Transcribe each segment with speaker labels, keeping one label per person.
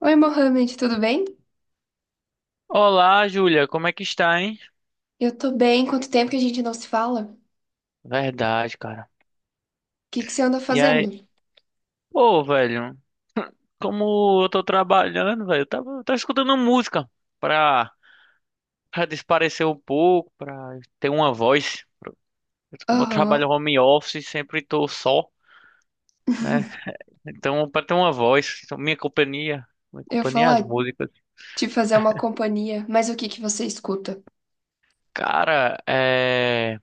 Speaker 1: Oi, Mohamed, tudo bem?
Speaker 2: Olá, Júlia, como é que está, hein?
Speaker 1: Eu tô bem. Quanto tempo que a gente não se fala? O
Speaker 2: Verdade, cara.
Speaker 1: que que você anda
Speaker 2: E
Speaker 1: fazendo?
Speaker 2: aí, pô, velho, como eu tô trabalhando, velho, eu tava escutando música pra, pra desaparecer um pouco, pra ter uma voz. Como eu
Speaker 1: Aham.
Speaker 2: trabalho home office, sempre tô só, né? Então, pra ter uma voz, então, minha companhia, minha
Speaker 1: Eu ia
Speaker 2: companhia é as
Speaker 1: falar
Speaker 2: músicas.
Speaker 1: de fazer uma companhia, mas o que que você escuta?
Speaker 2: Cara, é.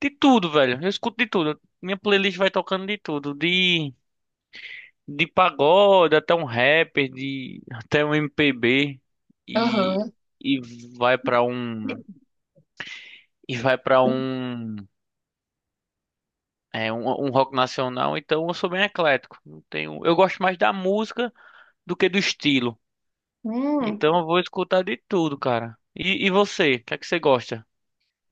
Speaker 2: De tudo, velho, eu escuto de tudo. Minha playlist vai tocando de tudo, de pagode até um rapper, de até um MPB e
Speaker 1: Aham.
Speaker 2: e vai pra um vai para um é um rock nacional, então eu sou bem eclético. Não tenho, eu gosto mais da música do que do estilo.
Speaker 1: Hum.
Speaker 2: Então eu vou escutar de tudo, cara. E você, o que é que você gosta?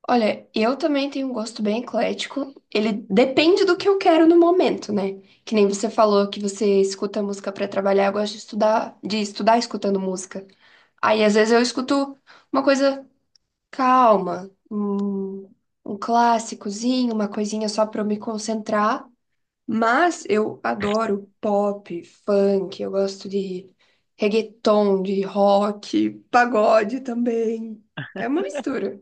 Speaker 1: Olha, eu também tenho um gosto bem eclético. Ele depende do que eu quero no momento, né? Que nem você falou que você escuta música pra trabalhar, eu gosto de estudar escutando música. Aí às vezes eu escuto uma coisa calma, um clássicozinho, uma coisinha só para eu me concentrar. Mas eu adoro pop, funk, eu gosto de reggaeton, de rock, pagode também. É uma mistura.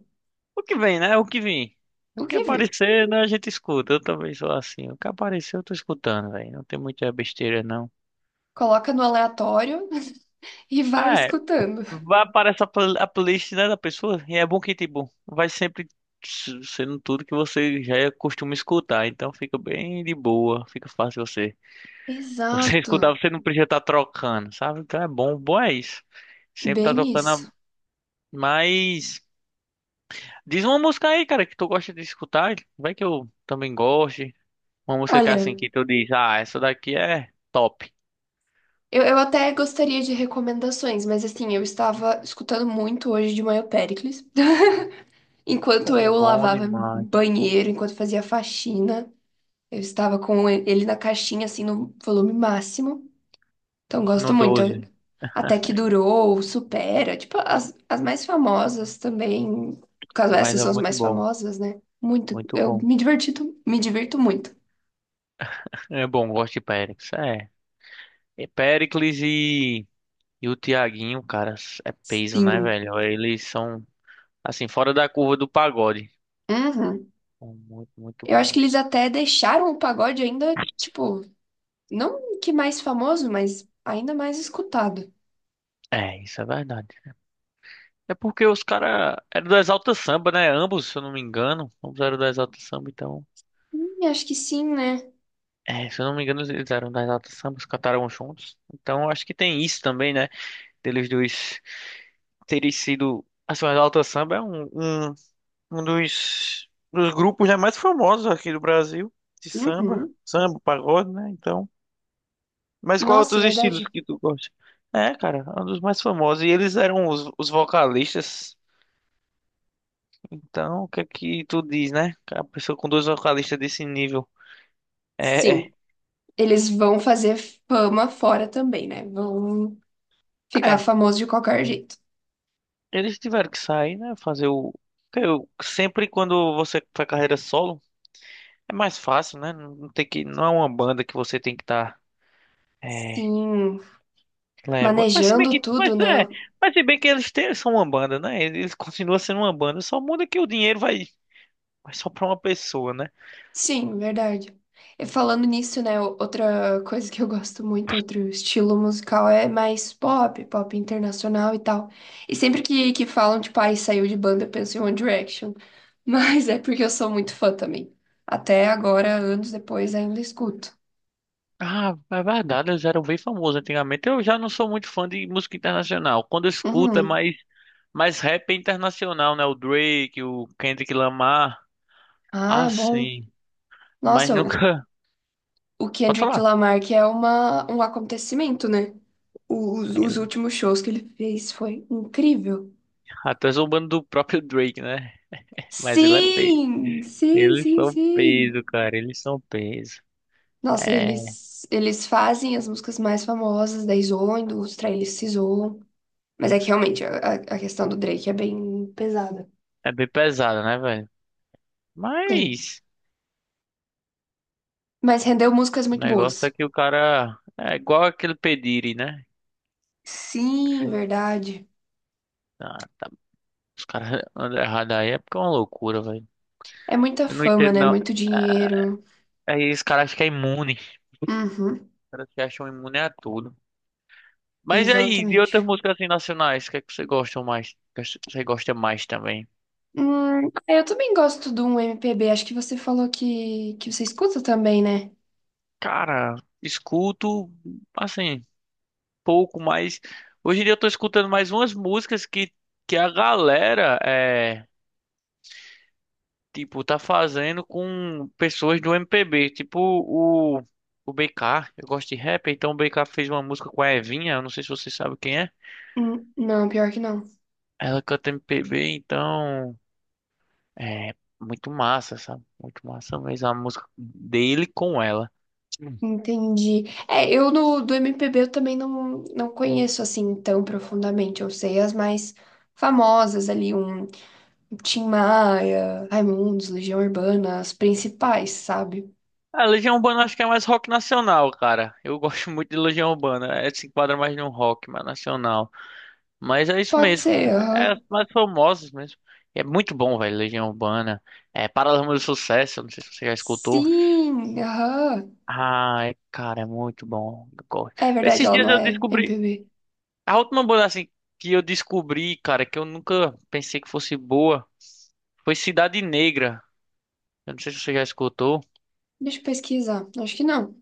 Speaker 2: O que vem, né? O que vem.
Speaker 1: O
Speaker 2: O que
Speaker 1: que vir?
Speaker 2: aparecer, né, a gente escuta. Eu também sou assim. O que aparecer, eu tô escutando, velho. Não tem muita besteira, não.
Speaker 1: Coloca no aleatório e vai
Speaker 2: Ah,
Speaker 1: escutando.
Speaker 2: vai aparecer a playlist, né, da pessoa. E é bom que, tipo, vai sempre sendo tudo que você já costuma escutar. Então fica bem de boa. Fica fácil você. Você
Speaker 1: Exato,
Speaker 2: escutar, você não precisa estar trocando, sabe? Então é bom. Bom é isso. Sempre tá
Speaker 1: bem
Speaker 2: tocando a.
Speaker 1: isso.
Speaker 2: Mas. Diz uma música aí, cara, que tu gosta de escutar. Vai que eu também goste. Uma música que é
Speaker 1: Olha,
Speaker 2: assim, que tu diz, ah, essa daqui é top.
Speaker 1: eu até gostaria de recomendações, mas assim, eu estava escutando muito hoje de manhã o Péricles. Enquanto
Speaker 2: Pô,
Speaker 1: eu
Speaker 2: bom
Speaker 1: lavava
Speaker 2: demais.
Speaker 1: banheiro, enquanto fazia faxina, eu estava com ele na caixinha, assim, no volume máximo. Então, gosto
Speaker 2: No
Speaker 1: muito.
Speaker 2: 12.
Speaker 1: Até que durou, supera. Tipo, as mais famosas também. No caso,
Speaker 2: Mas
Speaker 1: essas
Speaker 2: é
Speaker 1: são as
Speaker 2: muito
Speaker 1: mais
Speaker 2: bom.
Speaker 1: famosas, né? Muito.
Speaker 2: Muito
Speaker 1: Eu
Speaker 2: bom.
Speaker 1: me diverti, me divirto muito.
Speaker 2: É bom, gosto de Périx. É. E Péricles e o Tiaguinho, cara, é peso, né,
Speaker 1: Sim.
Speaker 2: velho? Eles são, assim, fora da curva do pagode.
Speaker 1: Uhum.
Speaker 2: São muito, muito
Speaker 1: Eu acho que eles
Speaker 2: bons.
Speaker 1: até deixaram o pagode ainda, tipo, não que mais famoso, mas ainda mais escutado.
Speaker 2: É, isso é verdade. É porque os caras eram do Exalta Samba, né? Ambos, se eu não me engano. Ambos eram do Exalta Samba, então.
Speaker 1: Acho que sim, né?
Speaker 2: É, se eu não me engano, eles eram do Exalta Samba, eles cantaram juntos. Então, eu acho que tem isso também, né? Deles dois terem sido. Assim, o Exalta Samba é um dos grupos, né, mais famosos aqui do Brasil, de samba,
Speaker 1: Uhum.
Speaker 2: samba, pagode, né? Então, mas qual
Speaker 1: Nossa, é
Speaker 2: outros estilos
Speaker 1: verdade.
Speaker 2: que tu gosta? É, cara, é um dos mais famosos e eles eram os vocalistas. Então, o que é que tu diz, né? A pessoa com dois vocalistas desse nível. É, é,
Speaker 1: Sim, eles vão fazer fama fora também, né? Vão ficar
Speaker 2: é.
Speaker 1: famosos de qualquer jeito.
Speaker 2: Eles tiveram que sair, né? Fazer o que eu sempre quando você faz carreira solo, é mais fácil, né? Não tem que não é uma banda que você tem que estar
Speaker 1: Sim,
Speaker 2: leva. Mas se bem
Speaker 1: manejando
Speaker 2: que,
Speaker 1: tudo,
Speaker 2: mas
Speaker 1: né?
Speaker 2: é,
Speaker 1: Eu-
Speaker 2: mas se bem que eles têm, são uma banda, né? Eles continuam sendo uma banda, só muda que o dinheiro vai só pra uma pessoa, né?
Speaker 1: Sim, verdade. E falando nisso, né? o- Outra coisa que eu gosto muito, outro estilo musical é mais pop, pop internacional e tal. E sempre que falam, tipo, ai, saiu de banda, eu penso em One Direction. Mas é porque eu sou muito fã também. Até agora, anos depois, ainda escuto.
Speaker 2: Ah, é verdade, eles eram bem famosos antigamente. Eu já não sou muito fã de música internacional. Quando eu escuto é
Speaker 1: Uhum.
Speaker 2: mais rap internacional, né? O Drake, o Kendrick Lamar. Ah,
Speaker 1: Ah, bom.
Speaker 2: sim. Mas
Speaker 1: Nossa, o
Speaker 2: nunca.
Speaker 1: o
Speaker 2: Pode
Speaker 1: Kendrick
Speaker 2: falar.
Speaker 1: Lamar, que é uma, um acontecimento, né? Os,
Speaker 2: Aí,
Speaker 1: os últimos shows que ele fez foi incrível.
Speaker 2: até zombando do próprio Drake, né? Mas ele é peso.
Speaker 1: Sim, sim,
Speaker 2: Eles
Speaker 1: sim,
Speaker 2: são
Speaker 1: sim.
Speaker 2: peso, cara. Eles são peso.
Speaker 1: Nossa,
Speaker 2: É,
Speaker 1: eles fazem as músicas mais famosas da Izone, dos trailers se zoam. Mas é que realmente a questão do Drake é bem pesada.
Speaker 2: é bem pesado, né, velho?
Speaker 1: É.
Speaker 2: Mas
Speaker 1: Mas rendeu músicas
Speaker 2: o
Speaker 1: muito
Speaker 2: negócio é
Speaker 1: boas.
Speaker 2: que o cara é igual aquele Pediri, né?
Speaker 1: Sim, verdade.
Speaker 2: Ah, tá, os caras andam errado aí é porque é uma loucura, velho.
Speaker 1: É muita
Speaker 2: Eu não
Speaker 1: fama,
Speaker 2: entendo,
Speaker 1: né?
Speaker 2: não.
Speaker 1: Muito
Speaker 2: É,
Speaker 1: dinheiro.
Speaker 2: aí os caras ficam imune. Os
Speaker 1: Uhum,
Speaker 2: caras se acham imune a tudo. Mas e aí, de outras
Speaker 1: exatamente.
Speaker 2: músicas assim nacionais, o que é que você gosta mais? O que você gosta mais também?
Speaker 1: É, eu também gosto de um MPB. Acho que você falou que você escuta também, né?
Speaker 2: Cara, escuto assim, pouco mais. Hoje em dia eu tô escutando mais umas músicas que a galera é. Tipo, tá fazendo com pessoas do MPB. Tipo, o BK. Eu gosto de rap, então o BK fez uma música com a Evinha. Eu não sei se você sabe quem é.
Speaker 1: Não, pior que não.
Speaker 2: Ela canta MPB, então. É muito massa, sabe? Muito massa mesmo a música dele com ela. Hum.
Speaker 1: Entendi. É, eu no, do MPB eu também não conheço assim tão profundamente. Eu sei as mais famosas ali, um Tim Maia, Raimundos, Legião Urbana, as principais, sabe?
Speaker 2: A Legião Urbana acho que é mais rock nacional, cara. Eu gosto muito de Legião Urbana. É, se enquadra mais no rock, mas nacional. Mas é isso
Speaker 1: Pode
Speaker 2: mesmo.
Speaker 1: ser,
Speaker 2: É, é os
Speaker 1: aham.
Speaker 2: mais famosos mesmo. E é muito bom, velho. Legião Urbana. É Paralamas do Sucesso. Não sei se você já escutou.
Speaker 1: Sim, aham.
Speaker 2: Ai, cara, é muito bom. Eu gosto.
Speaker 1: É verdade,
Speaker 2: Esses
Speaker 1: ela
Speaker 2: dias
Speaker 1: não
Speaker 2: eu
Speaker 1: é
Speaker 2: descobri.
Speaker 1: MPB.
Speaker 2: A última banda assim que eu descobri, cara, que eu nunca pensei que fosse boa, foi Cidade Negra. Eu não sei se você já escutou.
Speaker 1: Deixa eu pesquisar. Acho que não.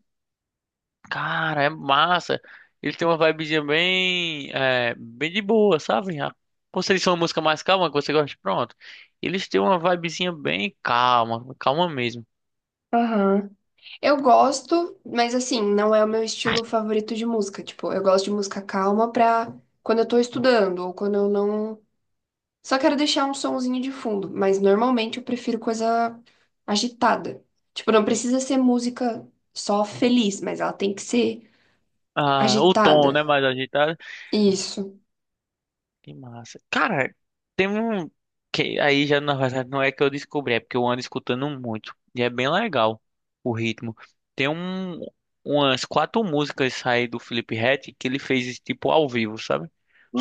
Speaker 2: Cara, é massa. Ele tem uma vibezinha bem, bem de boa, sabe? Como se eles uma música mais calma que você gosta, pronto. Eles têm uma vibezinha bem calma, calma mesmo.
Speaker 1: Aham. Eu gosto, mas assim, não é o meu estilo favorito de música. Tipo, eu gosto de música calma pra quando eu tô estudando ou quando eu não. Só quero deixar um sonzinho de fundo, mas normalmente eu prefiro coisa agitada. Tipo, não precisa ser música só feliz, mas ela tem que ser
Speaker 2: Ah, o tom,
Speaker 1: agitada.
Speaker 2: né, mais agitado.
Speaker 1: Isso.
Speaker 2: Que massa. Cara, tem um que aí já na verdade não é que eu descobri, é porque eu ando escutando muito e é bem legal o ritmo. Tem umas quatro músicas aí do Felipe Ret que ele fez tipo ao vivo, sabe? Não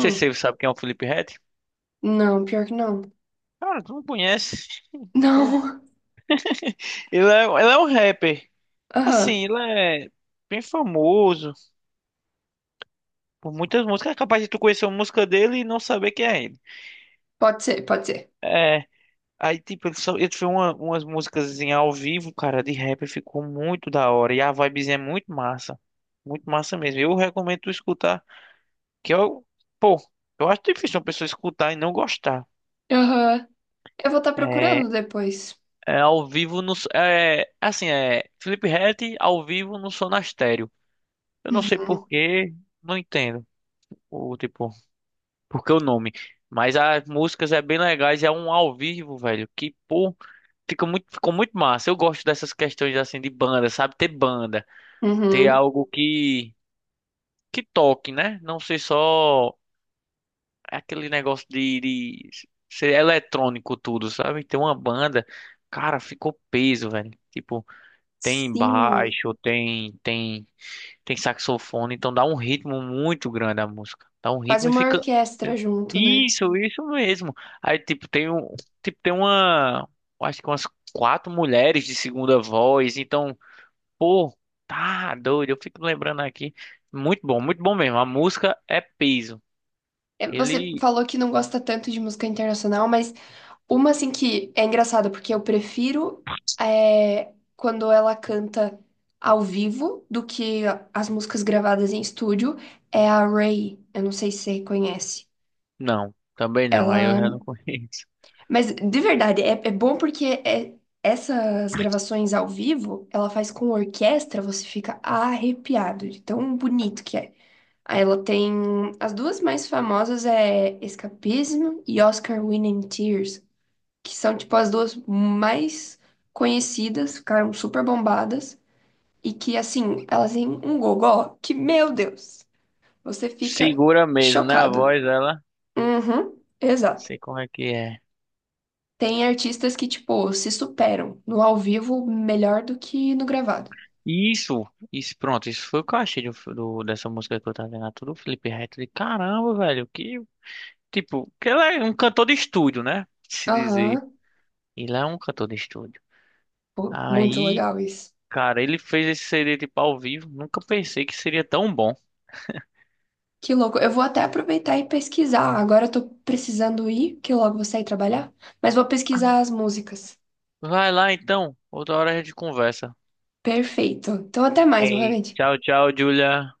Speaker 2: sei se você sabe quem é o Felipe Ret.
Speaker 1: Não, pior que não.
Speaker 2: Cara, tu não conhece? Pô,
Speaker 1: Não.
Speaker 2: ele é um rapper.
Speaker 1: Aham.
Speaker 2: Assim, ele é bem famoso por muitas músicas. É capaz de tu conhecer uma música dele e não saber quem é ele.
Speaker 1: Pode ser, pode ser.
Speaker 2: É. Aí, tipo, ele, só, ele fez umas músicas ao vivo, cara, de rap. Ficou muito da hora. E a vibezinha é muito massa. Muito massa mesmo. Eu recomendo tu escutar. Que eu, pô, eu acho difícil uma pessoa escutar e não gostar.
Speaker 1: Aham. Eu vou estar
Speaker 2: É,
Speaker 1: procurando depois.
Speaker 2: é ao vivo no. É, assim, é Felipe Ret ao vivo no Sonastério. Eu não sei
Speaker 1: Uhum.
Speaker 2: por quê, não entendo o tipo, por que o nome. Mas as músicas é bem legais, é um ao vivo, velho, que pô, ficou muito massa. Eu gosto dessas questões assim de banda, sabe? Ter banda, ter
Speaker 1: Uhum.
Speaker 2: algo que toque, né? Não ser só aquele negócio de ser eletrônico tudo, sabe? Ter uma banda, cara, ficou peso, velho. Tipo, tem
Speaker 1: Sim.
Speaker 2: baixo, tem saxofone, então dá um ritmo muito grande a música. Dá um
Speaker 1: Quase
Speaker 2: ritmo e
Speaker 1: uma
Speaker 2: fica
Speaker 1: orquestra junto, né?
Speaker 2: isso, isso mesmo. Aí tipo tem uma, acho que umas quatro mulheres de segunda voz, então, pô, tá doido, eu fico lembrando aqui. Muito bom mesmo. A música é peso.
Speaker 1: É, Você
Speaker 2: Ele
Speaker 1: falou que não gosta tanto de música internacional, mas uma assim que é engraçada, porque eu prefiro é, quando ela canta ao vivo do que as músicas gravadas em estúdio, é a Ray. Eu não sei se você conhece.
Speaker 2: não, também não. Aí eu
Speaker 1: Ela.
Speaker 2: já não conheço.
Speaker 1: Mas de verdade, é bom porque é- essas gravações ao vivo, ela faz com orquestra, você fica arrepiado de tão bonito que é. Aí Ela tem as duas mais famosas é Escapismo e Oscar Winning Tears, que são tipo as duas mais conhecidas, ficaram super bombadas e que assim, elas têm um gogó que, meu Deus, você fica
Speaker 2: Segura mesmo, né, a
Speaker 1: chocado.
Speaker 2: voz ela?
Speaker 1: Uhum, exato.
Speaker 2: Sei como é que é.
Speaker 1: Tem artistas que tipo se superam no ao vivo melhor do que no gravado.
Speaker 2: Isso, isso, pronto, isso foi o que eu achei do dessa música que eu tava vendo, tudo Felipe Neto, de caramba, velho, que, tipo, que ele é um cantor de estúdio, né, se dizer,
Speaker 1: Aham,
Speaker 2: ele é um cantor de estúdio,
Speaker 1: pô, muito
Speaker 2: aí,
Speaker 1: legal isso.
Speaker 2: cara, ele fez esse CD, tipo, ao vivo, nunca pensei que seria tão bom,
Speaker 1: Que louco. Eu vou até aproveitar e pesquisar. Agora eu tô precisando ir, que logo vou sair trabalhar. Mas vou pesquisar as músicas.
Speaker 2: vai lá, então, outra hora a gente conversa,
Speaker 1: Perfeito. Então, até mais,
Speaker 2: ei,
Speaker 1: Mohamed.
Speaker 2: tchau, tchau, Julia.